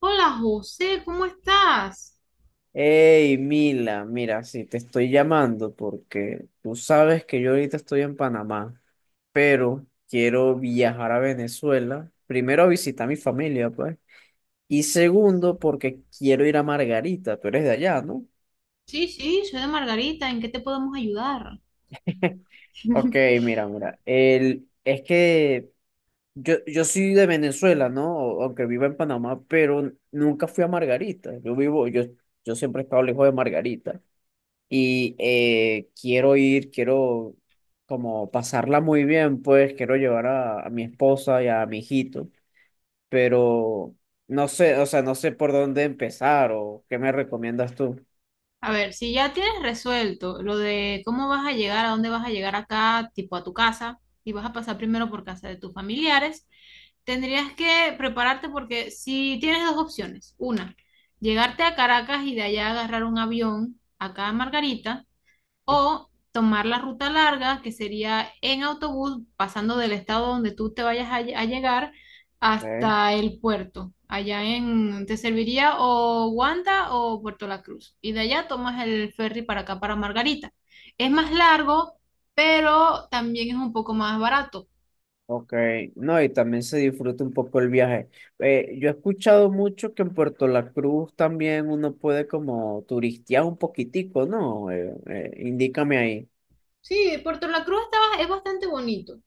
Hola José, ¿cómo estás? Hey, Mila, mira, sí, te estoy llamando porque tú sabes que yo ahorita estoy en Panamá, pero quiero viajar a Venezuela. Primero a visitar a mi familia, pues. Y segundo, porque quiero ir a Margarita, tú eres de allá, ¿no? Sí, sí, soy de Margarita, ¿en qué te podemos ayudar? Ok, mira, mira, es que yo soy de Venezuela, ¿no? Aunque vivo en Panamá, pero nunca fui a Margarita. Yo siempre he estado lejos de Margarita. Y quiero como pasarla muy bien, pues quiero llevar a mi esposa y a mi hijito, pero no sé, o sea, no sé por dónde empezar o qué me recomiendas tú. A ver, si ya tienes resuelto lo de cómo vas a llegar, a dónde vas a llegar acá, tipo a tu casa, y vas a pasar primero por casa de tus familiares, tendrías que prepararte porque si tienes dos opciones, una, llegarte a Caracas y de allá agarrar un avión acá a Margarita, o tomar la ruta larga, que sería en autobús, pasando del estado donde tú te vayas a llegar Okay, hasta el puerto. Allá te serviría o Wanda o Puerto La Cruz. Y de allá tomas el ferry para acá, para Margarita. Es más largo, pero también es un poco más barato. okay. No, y también se disfruta un poco el viaje. Yo he escuchado mucho que en Puerto La Cruz también uno puede como turistear un poquitico, ¿no? Indícame ahí. Sí, Puerto La Cruz es bastante bonito.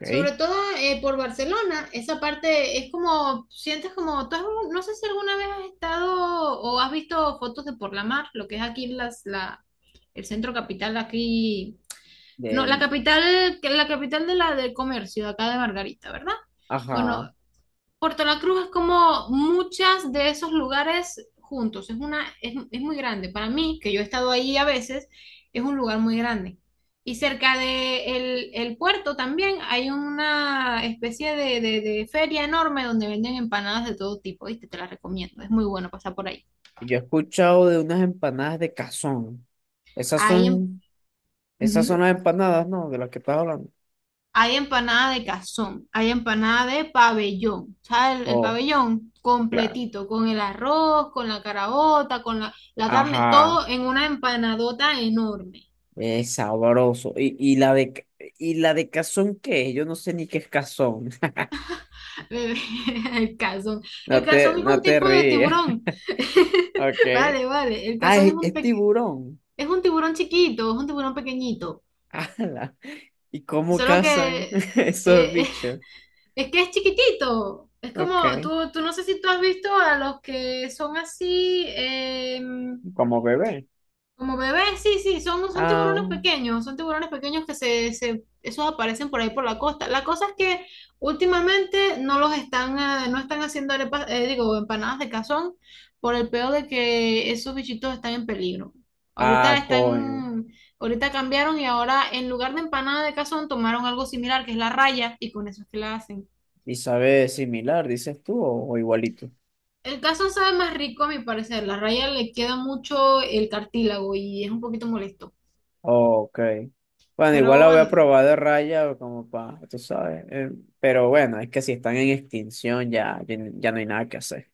Sobre todo por Barcelona, esa parte es como, sientes como, no sé si alguna vez has estado o has visto fotos de por la mar, lo que es aquí el centro capital, aquí, no, la De, capital, que la capital de la del comercio, de acá de Margarita, ¿verdad? ajá. Bueno, Puerto La Cruz es como muchas de esos lugares juntos. Es muy grande. Para mí, que yo he estado ahí a veces, es un lugar muy grande. Y cerca de el puerto también hay una especie de feria enorme donde venden empanadas de todo tipo. ¿Viste? Te las recomiendo. Es muy bueno pasar por ahí. Yo he escuchado de unas empanadas de cazón. Esas Ahí en- son, esas son Ujú. las empanadas, ¿no? De las que estás hablando. Hay empanada de cazón, hay empanada de pabellón, ¿sabes? El Oh, pabellón claro. completito, con el arroz, con la caraota, con la carne, Ajá, todo en una empanadota enorme. es sabroso. Y la de cazón, ¿qué es? Yo no sé ni qué es cazón. El cazón. El cazón es un no te tipo de ríes. tiburón. Ok. Vale, vale. El Ah, cazón es es tiburón. es un tiburón chiquito, es un tiburón pequeñito. Ala. ¿Y cómo Solo que cazan esos eh, bichos? es que es chiquitito. Es como, Ok. tú no sé si tú has visto a los que son así, em, Como bebé. como bebés, sí, sí, son, Ah, son tiburones pequeños que esos aparecen por ahí por la costa. La cosa es que últimamente no los están, no están haciendo arepas, digo, empanadas de cazón por el peor de que esos bichitos están en peligro. Ahorita ah, coño. están, ahorita cambiaron y ahora en lugar de empanada de cazón tomaron algo similar que es la raya y con eso es que la hacen. ¿Y sabe similar, dices tú, o igualito? El cazón sabe más rico a mi parecer, la raya le queda mucho el cartílago y es un poquito molesto. Ok. Bueno, igual Pero la voy a bueno. probar de raya, como para, tú sabes. Pero bueno, es que si están en extinción ya, ya, ya no hay nada que hacer.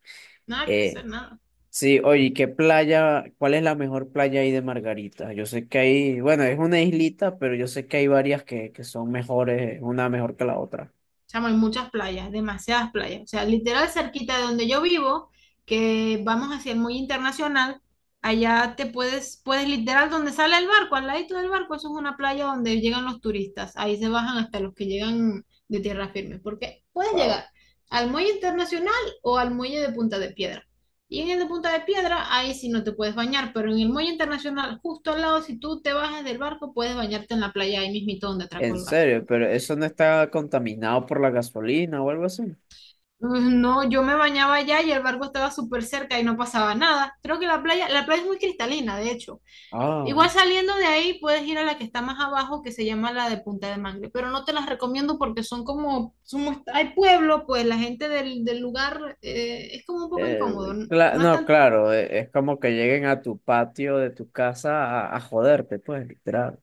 Nada que Eh, hacer, nada. sí, oye, ¿qué playa? ¿Cuál es la mejor playa ahí de Margarita? Yo sé que hay, bueno, es una islita, pero yo sé que hay varias que son mejores, una mejor que la otra. Chamo, hay muchas playas, demasiadas playas. O sea, literal cerquita de donde yo vivo, que vamos hacia el muy internacional, allá puedes literal donde sale el barco, al ladito del barco, eso es una playa donde llegan los turistas. Ahí se bajan hasta los que llegan de tierra firme, porque puedes Wow. llegar al muelle internacional o al muelle de Punta de Piedra. Y en el de Punta de Piedra, ahí sí no te puedes bañar, pero en el muelle internacional, justo al lado, si tú te bajas del barco, puedes bañarte en la playa ahí mismito donde atracó En el barco. serio, pero eso no está contaminado por la gasolina o algo así. Mm, no, yo me bañaba allá y el barco estaba súper cerca y no pasaba nada. Creo que la playa es muy cristalina, de hecho. Ah. Igual saliendo de ahí puedes ir a la que está más abajo, que se llama la de Punta de Mangle, pero no te las recomiendo porque son como, somos, hay pueblo, pues la gente del lugar es como un poco incómodo. No, no es No, están claro, es como que lleguen a tu patio de tu casa a joderte, pues, literal.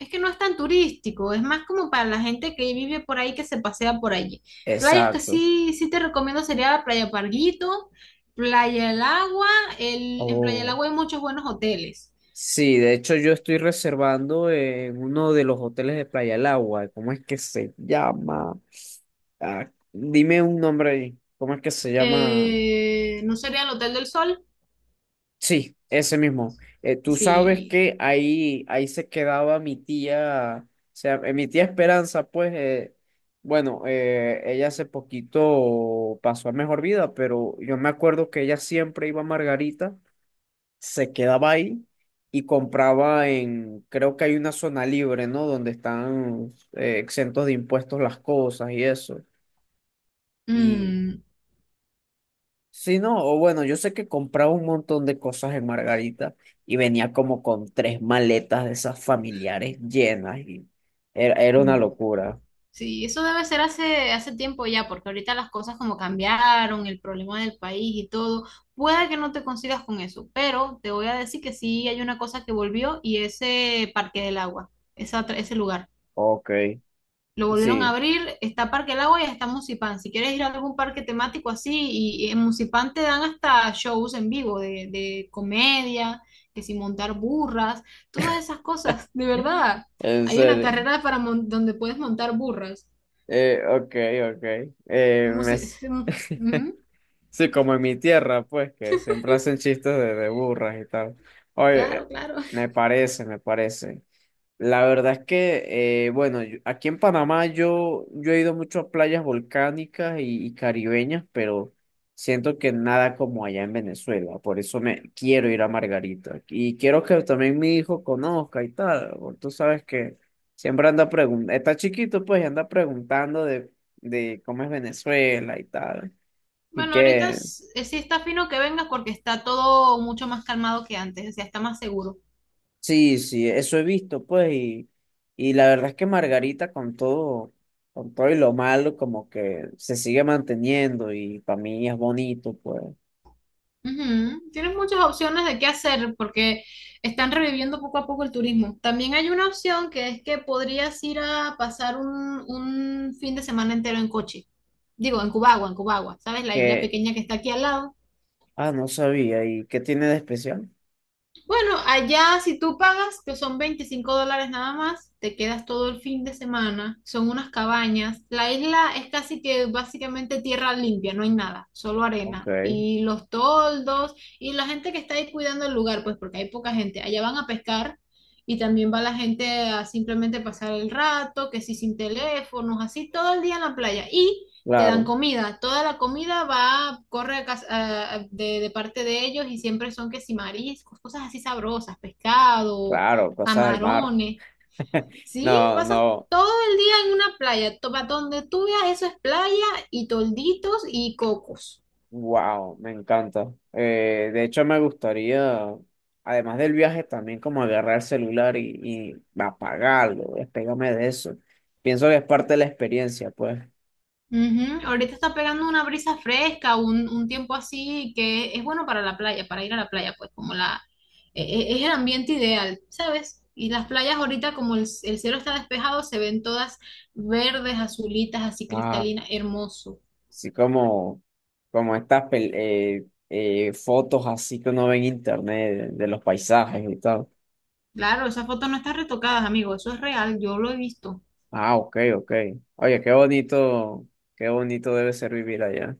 Es que no es tan turístico, es más como para la gente que vive por ahí, que se pasea por allí. Playas que Exacto. sí, sí te recomiendo sería Playa Parguito, Playa El Agua. En Playa El Oh. Agua hay muchos buenos hoteles. Sí, de hecho yo estoy reservando en uno de los hoteles de Playa del Agua. ¿Cómo es que se llama? Ah, dime un nombre ahí. ¿Cómo es que se llama? ¿No sería el Hotel del Sol? Sí, ese mismo. Tú sabes Sí. que ahí se quedaba mi tía, o sea, mi tía Esperanza, pues, bueno, ella hace poquito pasó a mejor vida, pero yo me acuerdo que ella siempre iba a Margarita, se quedaba ahí y compraba en, creo que hay una zona libre, ¿no? Donde están exentos de impuestos las cosas y eso. Y Mm, sí, no, o bueno, yo sé que compraba un montón de cosas en Margarita y venía como con tres maletas de esas familiares llenas y era una locura. sí, eso debe ser hace tiempo ya, porque ahorita las cosas como cambiaron, el problema del país y todo, puede que no te consigas con eso, pero te voy a decir que sí hay una cosa que volvió y ese Parque del Agua, ese lugar. Ok, Lo volvieron a sí, abrir, está Parque del Agua y está Musipán. Si quieres ir a algún parque temático así, y en Musipán te dan hasta shows en vivo de comedia, que si montar burras, todas esas cosas, de verdad. en Hay una serio. carrera para donde puedes montar burras. Ok, ok. Eh, Hemos- me s- Ujú. Sí, como en mi tierra, pues, que siempre hacen chistes de burras y tal. Oye, Claro, claro. me parece, me parece. La verdad es que, bueno, aquí en Panamá yo he ido mucho a playas volcánicas y caribeñas, pero siento que nada como allá en Venezuela. Por eso me quiero ir a Margarita. Y quiero que también mi hijo conozca y tal. Porque tú sabes que siempre anda preguntando, está chiquito pues y anda preguntando de cómo es Venezuela y tal. Y Bueno, ahorita que sí está fino que vengas porque está todo mucho más calmado que antes, o sea, está más seguro. sí, sí, eso he visto, pues, y la verdad es que Margarita con todo y lo malo, como que se sigue manteniendo y para mí es bonito, pues, Ujú. Tienes muchas opciones de qué hacer porque están reviviendo poco a poco el turismo. También hay una opción que es que podrías ir a pasar un fin de semana entero en coche. Digo, en Cubagua, ¿sabes? La isla que, pequeña que está aquí al lado. ah, no sabía, ¿y qué tiene de especial? Bueno, allá si tú pagas, que son $25 nada más, te quedas todo el fin de semana, son unas cabañas. La isla es casi que básicamente tierra limpia, no hay nada, solo Ok, arena. Y los toldos y la gente que está ahí cuidando el lugar, pues porque hay poca gente. Allá van a pescar y también va la gente a simplemente pasar el rato, que sí sin teléfonos, así todo el día en la playa. Y te dan claro, comida. Toda la comida va, corre a cas- a- de parte de ellos y siempre son que si mariscos, cosas así sabrosas, pescado, claro, cosas del mar. camarones. Sí, No, pasas no, todo el día en una playa. Pa' donde tú veas, eso es playa y tolditos y cocos. wow, me encanta. De hecho, me gustaría, además del viaje, también como agarrar el celular y apagarlo, despegarme de eso. Pienso que es parte de la experiencia, pues. Ujú, ahorita está pegando una brisa fresca, un tiempo así que es bueno para la playa, para ir a la playa, pues como es el ambiente ideal, ¿sabes? Y las playas ahorita como el cielo está despejado, se ven todas verdes, azulitas, así Ah, cristalinas, hermoso. sí, como, como estas fotos así que uno ve en internet de los paisajes y tal. Claro, esas fotos no están retocadas, amigo, eso es real, yo lo he visto. Ah, ok, ok. Oye, qué bonito debe ser vivir allá.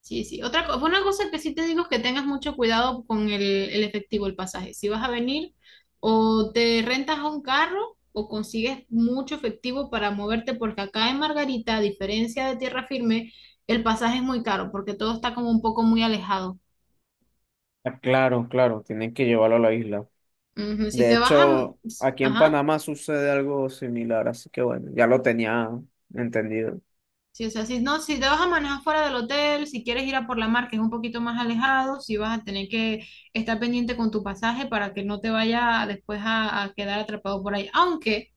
Sí, sí. Una cosa que sí te digo es que tengas mucho cuidado con el efectivo, el pasaje. Si vas a venir, o te rentas a un carro o consigues mucho efectivo para moverte, porque acá en Margarita, a diferencia de Tierra Firme, el pasaje es muy caro, porque todo está como un poco muy alejado. Ah, claro, claro, tienen que llevarlo a la isla. Ujú. Si De te vas a. hecho, aquí en Ajá. Panamá sucede algo similar, así que bueno, ya lo tenía entendido. Sí, o sea, si no, si te vas a manejar fuera del hotel, si quieres ir a por la mar, que es un poquito más alejado, si vas a tener que estar pendiente con tu pasaje para que no te vaya después a quedar atrapado por ahí. Aunque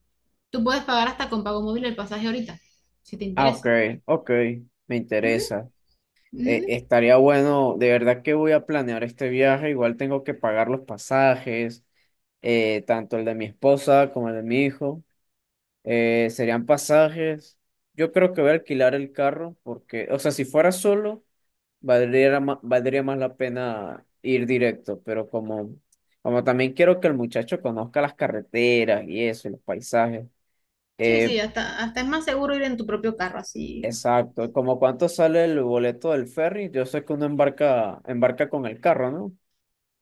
tú puedes pagar hasta con pago móvil el pasaje ahorita, si te Ah, ok, interesa. ok, me Ujú, interesa. ujú. Estaría bueno, de verdad que voy a planear este viaje, igual tengo que pagar los pasajes, tanto el de mi esposa como el de mi hijo. Serían pasajes. Yo creo que voy a alquilar el carro porque, o sea, si fuera solo, valdría más la pena ir directo, pero como, como también quiero que el muchacho conozca las carreteras y eso, y los paisajes. Sí, eh, sí, hasta es más seguro ir en tu propio carro, así. exacto, como cuánto sale el boleto del ferry, yo sé que uno embarca, embarca con el carro, ¿no?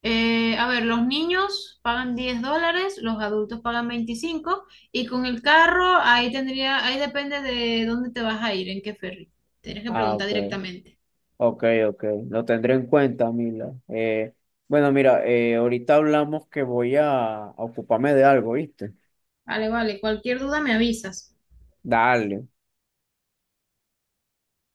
A ver, los niños pagan $10, los adultos pagan 25, y con el carro ahí tendría, ahí depende de dónde te vas a ir, en qué ferry. Tienes que Ah, preguntar ok, directamente. ok, ok. Lo tendré en cuenta, Mila. Bueno, mira, ahorita hablamos que voy a ocuparme de algo, ¿viste? Vale, vale, cualquier duda me avisas. Dale.